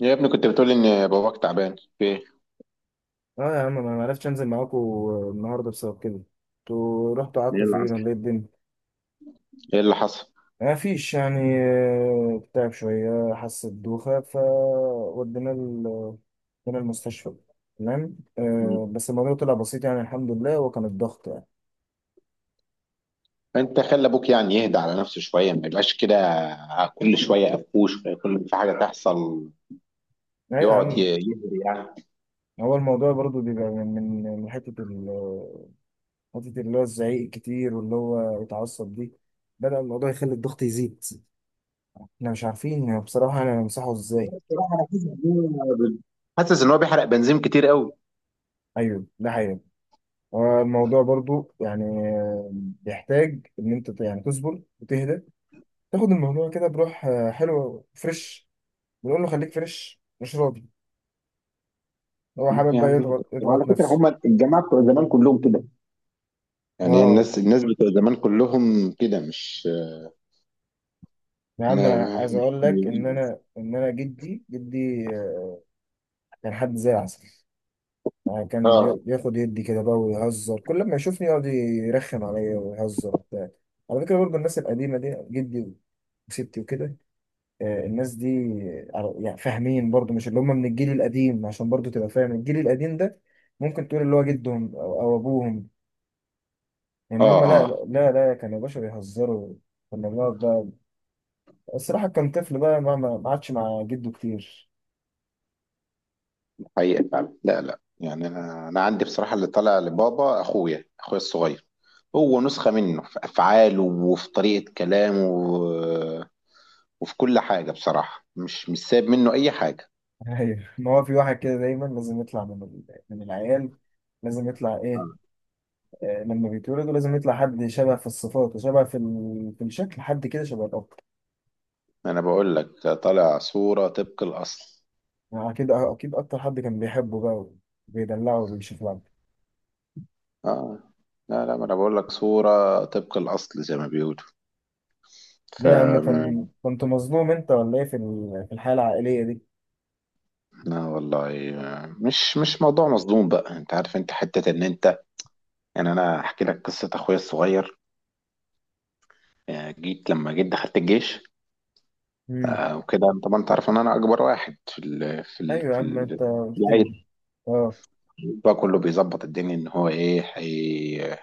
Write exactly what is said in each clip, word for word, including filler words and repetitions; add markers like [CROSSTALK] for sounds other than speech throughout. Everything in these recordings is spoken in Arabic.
يا ابني، كنت بتقول ان باباك تعبان في ايه؟ اه، يا عم، انا ما عرفتش انزل معاكم النهارده بسبب كده. انتوا رحتوا ايه قعدتوا اللي فين حصل؟ ولا ايه الدنيا؟ ايه اللي حصل؟ ما فيش يعني. آه، تعب شويه، حس بدوخه، فودينا ال- ودينا المستشفى. تمام. مم. آه، بس الموضوع طلع بسيط يعني، الحمد لله، هو كان الضغط يعني. انت خلي ابوك يعني يهدى على نفسه شويه، ما يبقاش كده كل شويه قفوش كل في حاجه تحصل. ايوه يا يقعد ي- عم. يهري يعني. هو الموضوع برضو بيبقى من من من حته ال- حته اللي هو الزعيق الكتير واللي هو يتعصب دي، بدأ الموضوع يخلي الضغط يزيد. احنا مش عارفين بصراحه انا نمسحه ازاي. بصراحه انا حاسس إن هو- حاسس ان هو بيحرق بنزين كتير قوي. ايوه، ده حقيقي. الموضوع برضو يعني بيحتاج ان انت ت- يعني تصبر وتهدى، تاخد الموضوع كده بروح، آه، حلو فريش. بنقول له خليك فريش، مش راضي. هو ممكن حابب يا بقى عم يهدى، يضغط وعلى يضغط فكره نفسه. هم الجماعه بتوع زمان كلهم كده. يعني اه الناس الناس بتوع زمان كلهم كده، مش يا عم، ما انا ما- عايز مش. اقول لك ان انا ان انا جدي جدي آه، كان حد زي العسل. يعني كان اه ي- ياخد يدي كده بقى، ويهزر كل ما يشوفني، يقعد يرخم عليا ويهزر وبتاع. على فكره برضه الناس القديمه دي، جدي وستي وكده. آه، الناس دي على- يعني فاهمين برضو، مش اللي هم من الجيل القديم، عشان برضو تبقى فاهم الجيل القديم ده. ممكن تقول اللي هو جدهم او أو ابوهم، ان اه. هم لا اه لا لا كانوا باشا بيهزروا. كنا بنقعد بقى. الصراحة كان طفل بقى، ما ما ما عادش مع جده كتير. حقيقة فعلا، لا لا، يعني انا انا عندي بصراحة اللي طالع لبابا اخويا اخويا الصغير. هو نسخة منه في افعاله وفي طريقة كلامه و- وفي كل حاجة، بصراحة مش مش سايب منه اي حاجة. [LAUGHS] ايوه، ما هو في واحد كده دايما لازم يطلع من ال- من العيال. لازم يطلع ايه؟ آه. آه، لما بيتولدوا لازم يطلع حد شبه في الصفات وشبه في ال- في الشكل، حد كده شبه الاب. انا بقول لك طالع صورة طبق الاصل. يعني اكيد اكيد اكتر حد كان بيحبه بقى، وبيدلعه وبيشوف. اه، لا لا، ما انا بقول لك صورة طبق الاصل زي ما بيقولوا. ف، ليه يا عم؟ كان كنت مظلوم انت ولا ايه في ال- في الحياة العائلية دي؟ لا والله. آه، مش مش موضوع مصدوم، بقى انت عارف انت حتة ان انت يعني انا احكي لك قصة اخويا الصغير. آه، جيت لما جيت دخلت الجيش. امم. آه، وكده طبعا انت عارف ان انا اكبر واحد في ال في ال ايوه يا في عم، ال انت في قلت لي. العيله. اه. بقى كله بيظبط الدنيا ان هو ايه هي.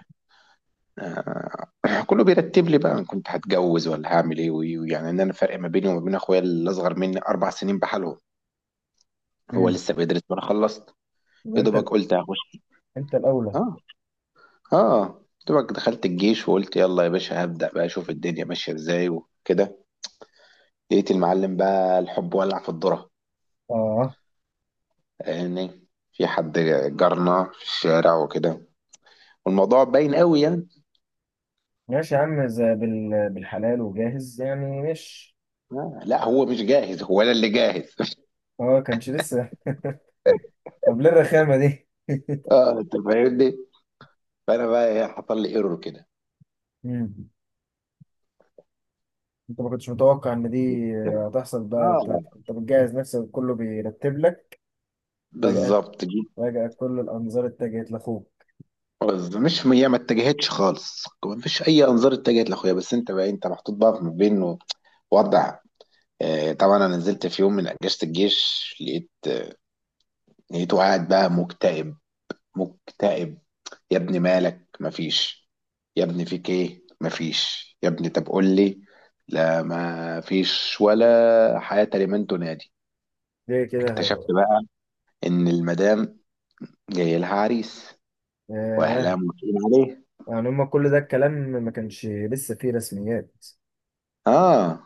آه، [CLEARS THROAT] كله بيرتب لي بقى، انا كنت هتجوز ولا هعمل ايه وإيه، ويعني ان انا فرق ما بيني وما بين اخويا اللي اصغر مني اربع سنين بحالهم. هو امم لسه بيدرس وانا خلصت. يبقى يا انت ال- دوبك قلت هخش. انت الاولى. اه. اه. دوبك دخلت الجيش وقلت يلا يا باشا هبدأ بقى اشوف الدنيا ماشيه ازاي وكده. لقيت المعلم بقى الحب ولع في الذره. اه. يعني في حد جارنا في الشارع وكده، والموضوع باين قوي يعني. ماشي يا عم، زي بال... بالحلال وجاهز، يعني مش. آه، لا، هو مش جاهز، هو انا اللي جاهز. [LAUGHS] اه، كانش لسه [LAUGHS] طب ليه الرخامة دي؟ [LAUGHS] اه، انت فاهمني. فانا بقى إيه، حصل لي ايرور كده. امم انت ما كنتش متوقع ان دي جيت- هتحصل بقى؟ انت اه، انت بتجهز نفسك، كله بيرتب لك. فجأة. بالظبط جيت. فجأة كل الانظار اتجهت لاخوك. بس مش هي، ما اتجهتش خالص، ما فيش اي انظار اتجهت لاخويا، بس انت بقى انت محطوط بقى ما بين وضع. آه، طبعا انا نزلت في يوم من اجازه الجيش، لقيت، لقيته قاعد بقى مكتئب، مكتئب. يا ابني مالك؟ مفيش. يا ابني فيك ايه؟ مفيش. يا ابني طب قول لي. لا، مفيش، ولا حياة لمن تنادي. ليه كده يا اكتشفت غبي؟ بقى ان المدام جاي لها عريس واهلها ياه. موافقين عليه. يعني هما كل ده الكلام ما كانش لسه فيه رسميات؟ اه.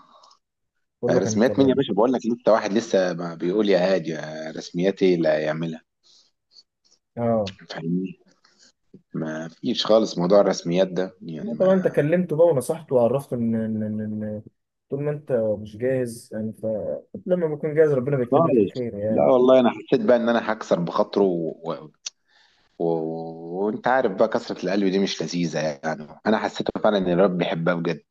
كله كان رسميات مين يا كلام. باشا، بقول لك لسه واحد لسه ما بيقول يا هادي، آه، رسميات ايه اللي هيعملها؟ اه. فاهمني، ما فيش خالص موضوع الرسميات ده يعني، لا ما، طبعا، انت كلمته بقى ونصحته وعرفته ان ان ان إن طول ما انت مش جاهز انت، لما بكون جاهز ربنا بيكتب لك خالص. الخير لا يعني. والله، انا حسيت بقى ان انا هكسر بخاطره و- و- وانت عارف بقى كسرة القلب دي مش لذيذة، يعني انا حسيت فعلا ان الرب بيحبها بجد.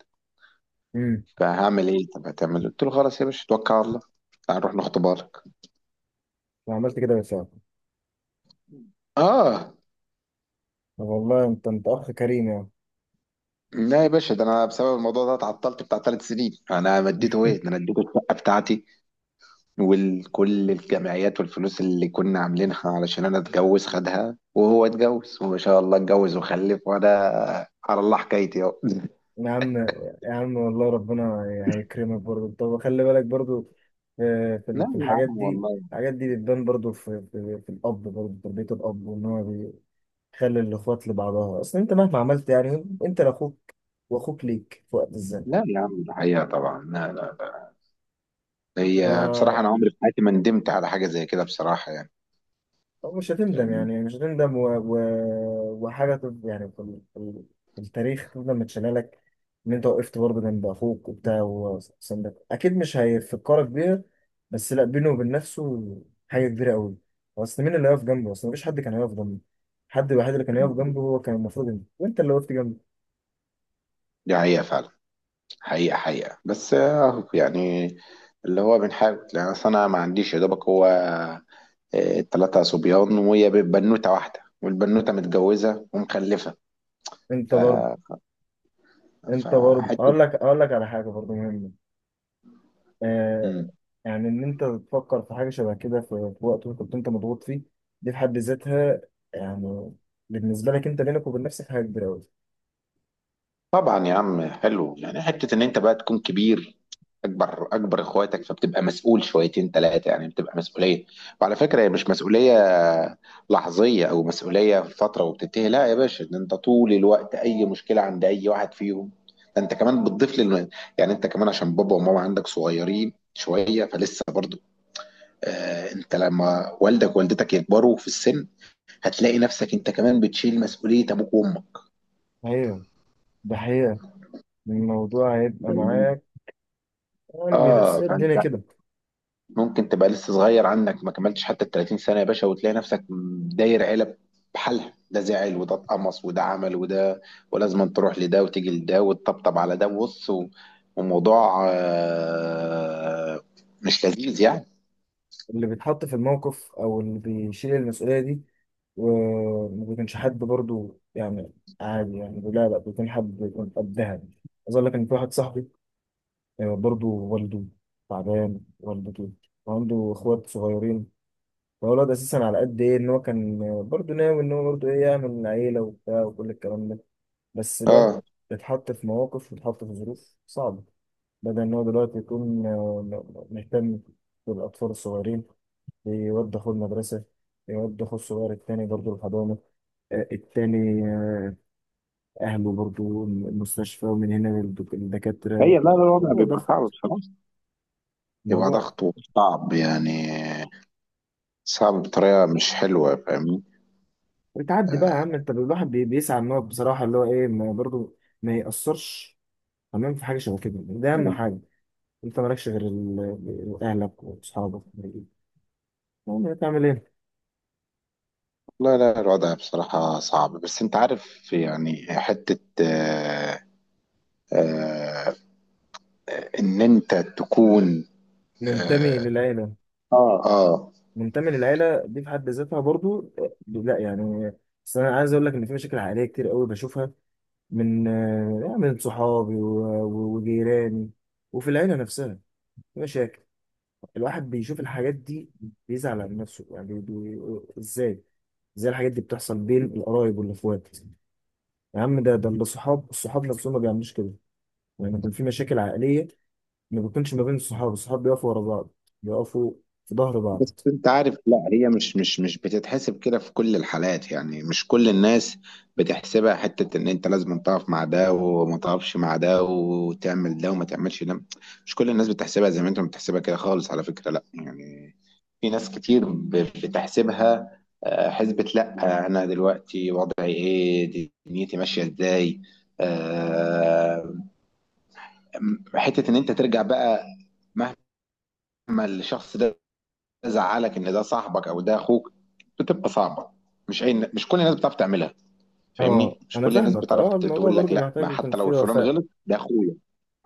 امم فهعمل ايه؟ طب هتعمل، قلت له خلاص يا باشا، توكل على الله، تعال نروح نخطب لك. وعملت كده بالفعل؟ اه. طب والله، انت انت اخ كريم يعني. لا يا باشا، ده انا بسبب الموضوع ده اتعطلت بتاع ثلاث سنين، انا مديته ايه، ده انا اديته الشقه بتاعتي وكل الجمعيات والفلوس اللي كنا عاملينها علشان انا اتجوز، خدها وهو اتجوز وما شاء الله اتجوز وخلف، وانا على الله حكايتي اهو. [LAUGHS] يا عم، يا عم والله ربنا هيكرمك برضه، طب خلي بالك برضه في في لا ال- في يا الحاجات عم دي. والله. الحاجات دي بتبان برضه في, في, في الأب، برضه تربية الأب وإن هو خلي الاخوات لبعضها. اصل انت مهما عملت، يعني انت لاخوك، واخوك ليك في وقت الزمن. لا يا عم، الحقيقه طبعا، لا لا، هي بصراحة فمش أنا عمري في حياتي ما ندمت على حاجة زي كده بصراحة يعني، هتندم، فاهمني. يعني مش هتندم، و... و... وحاجه تف- يعني في ال- في ال- في التاريخ، تفضل متشاله لك ان انت وقفت برضه جنب اخوك وبتاع وسندك. اكيد مش هيفكرك بيها، بس لا، بينه وبين نفسه حاجه كبيره قوي. اصل مين اللي هيقف جنبه؟ اصل مفيش حد كان هيقف جنبه، الحد الوحيد اللي كان هيقف جنبه هو كان المفروض انت، وانت اللي وقفت جنبه. دي حقيقة فعلا، حقيقة حقيقة، بس أهو يعني اللي هو بنحاول، يعني أصل أنا ما عنديش يا دوبك هو آه، تلاتة صبيان وهي بنوتة واحدة، والبنوتة متجوزة ومخلفة. انت ف، برضه انت برضه فحتة. اقول لك اقول لك على حاجه برضه مهمه آه يعني ان انت تفكر في حاجه شبه كده في في وقت كنت انت مضغوط فيه، دي في حد ذاتها يعني، بالنسبه لك انت، بينك وبين نفسك حاجه كبيره قوي. طبعا يا عم، حلو، يعني حته ان انت بقى تكون كبير، اكبر اكبر اخواتك، فبتبقى مسؤول شويتين ثلاثه، يعني بتبقى مسؤوليه. وعلى فكره هي مش مسؤوليه لحظيه او مسؤوليه في فتره وبتنتهي، لا يا باشا، ده انت طول الوقت اي مشكله عند اي واحد فيهم، ده انت كمان بتضيف لل، يعني انت كمان عشان بابا وماما عندك صغيرين شويه فلسه برضو. آه، انت لما والدك ووالدتك يكبروا في السن، هتلاقي نفسك انت كمان بتشيل مسؤوليه ابوك وامك. ايوه، ده حقيقه، الموضوع هيبقى فاهمني؟ معاك، يعني بس اه، هي فانت الدنيا كده. ممكن تبقى لسه صغير، عنك ما كملتش حتى ال تلاتين سنة يا باشا، وتلاقي نفسك داير عيلة بحالها، ده زعل وده اتقمص وده عمل وده، ولازم تروح لده وتيجي لده وتطبطب على ده بص و- وموضوع آه، مش لذيذ يعني. اللي بيتحط في الموقف او اللي بيشيل المسؤوليه دي، وما بيكونش حد برضو، يعني عادي يعني، لا لا، بيكون حد بيكون قدها. عايز اقول لك ان في واحد صاحبي، آه، برضو والده تعبان، والدته، وعنده اخوات صغيرين. هو الواد اساسا، على قد ايه ان هو كان برضه ناوي ان هو برضه ايه، يعمل عيله وبتاع وكل الكلام ده، بس الواد اه. اتحط في مواقف واتحط في ظروف صعبه، بدل ان هو دلوقتي يكون آه، مهتم بالاطفال الصغيرين، يود اخوه المدرسه، يود اخوه الصغير التاني برضه الحضانه، آه، التاني، آه، اهله برضه المستشفى، ومن هنا للدك- للدكاتره هي، لا ف- لا، الوضع الموضوع بيبقى ضغط، صعب بصراحة، يبقى الموضوع ضغط، صعب يعني، صعب بطريقة مش حلوة، فاهمني. بتعدي بقى يا عم، آه، انت الواحد بي- بيسعى ان هو بصراحه، اللي هو ايه، ما برضه ما يأثرش. تمام، في حاجة شبه كده، ده أهم مم. حاجة. أنت مالكش غير ال- أهلك وأصحابك، المهم يعني تعمل إيه؟ لا لا، الوضع بصراحة صعب، بس انت عارف يعني، حتة آه، آه، إن أنت تكون. منتمي آه. للعيلة، اه. آه، منتمي للعيلة دي في حد ذاتها برضو، آه، لا يعني. بس أنا عايز أقول لك إن في مشاكل عائلية كتير قوي بشوفها، من آه، من صحابي و- و- وجيراني، وفي العيلة نفسها في مشاكل. الواحد بيشوف الحاجات دي، بيزعل على نفسه يعني بي... إزاي؟ إزاي الحاجات دي بتحصل بين القرايب والإخوات؟ يا عم، ده ده الصحاب الصحاب نفسهم ما بيعملوش كده لما يكون في مشاكل عائلية، ما بيكونش، ما بين الصحاب الصحاب بيقفوا ورا بعض، بيقفوا في ظهر بس بعض. أنت عارف، لا هي مش مش مش بتتحسب كده في كل الحالات، يعني مش كل الناس بتحسبها، حتة إن أنت لازم تقف مع ده وما تقفش مع ده وتعمل ده وما تعملش ده. مش كل الناس بتحسبها زي ما أنت بتحسبها كده خالص، على فكرة، لا يعني، في ناس كتير ب- بتحسبها آه، حسبة، لا، آه، أنا دلوقتي وضعي إيه، دنيتي ماشية إزاي. آه، حتة إن أنت ترجع بقى، مهما، ما الشخص ده زعلك، ان ده صاحبك او ده اخوك، بتبقى صعبه. مش اي، مش كل الناس بتعرف تعملها. اه، فاهمني، مش انا كل الناس فاهمك، بتعرف اه، ت- الموضوع تقول لك برضو لا، ما محتاج يكون حتى لو فيه الفلان وفاء. غلط ده اخويا،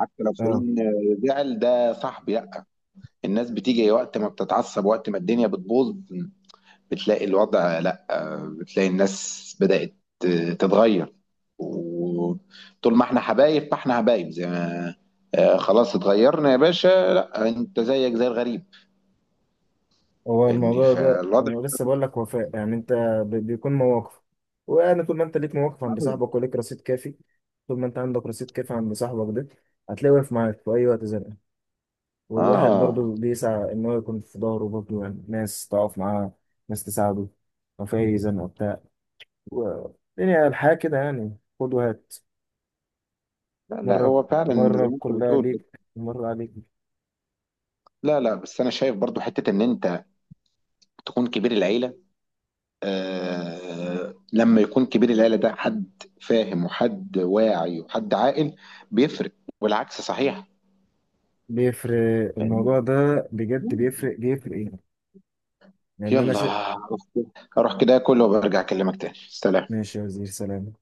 حتى لو اه. فلان زعل ده صاحبي، لا. الناس بتيجي وقت ما بتتعصب، وقت ما الدنيا بتبوظ بتلاقي الوضع، لا، بتلاقي الناس بدأت تتغير، وطول ما احنا حبايب فاحنا حبايب، زي ما آه، خلاص اتغيرنا يا باشا، لا انت زيك زي الغريب. هو فاهمني، الموضوع ده فالوضع. انا لسه بقول لك وفاء، يعني انت بي- بيكون مواقف. وانا طول ما انت ليك مواقف عند صاحبك وليك رصيد كافي، طول ما انت عندك رصيد كافي عند صاحبك ده، هتلاقيه واقف معاك في اي وقت زنقه. والواحد برضو اه، بيسعى ان هو يكون في ظهره، برضو يعني ناس تقف معاه، ناس تساعده لو في اي زنقه بتاع، و- يعني الحياة كده، يعني خد وهات. لا لا، مرة، هو فعلا زي مرة ما انت كلها بتقول، بس- ليك، مرة عليك. لا لا، بس انا شايف برضو حته ان انت تكون كبير العيله. آه، لما يكون كبير العيله ده حد فاهم وحد واعي وحد عاقل، بيفرق، والعكس صحيح. بيفرق فاهمني؟ الموضوع ده، بجد بيفرق بيفرق ايه، لأن أنا يلا، شا... اروح كده اكل وبرجع اكلمك تاني، سلام. ماشي يا وزير، سلام.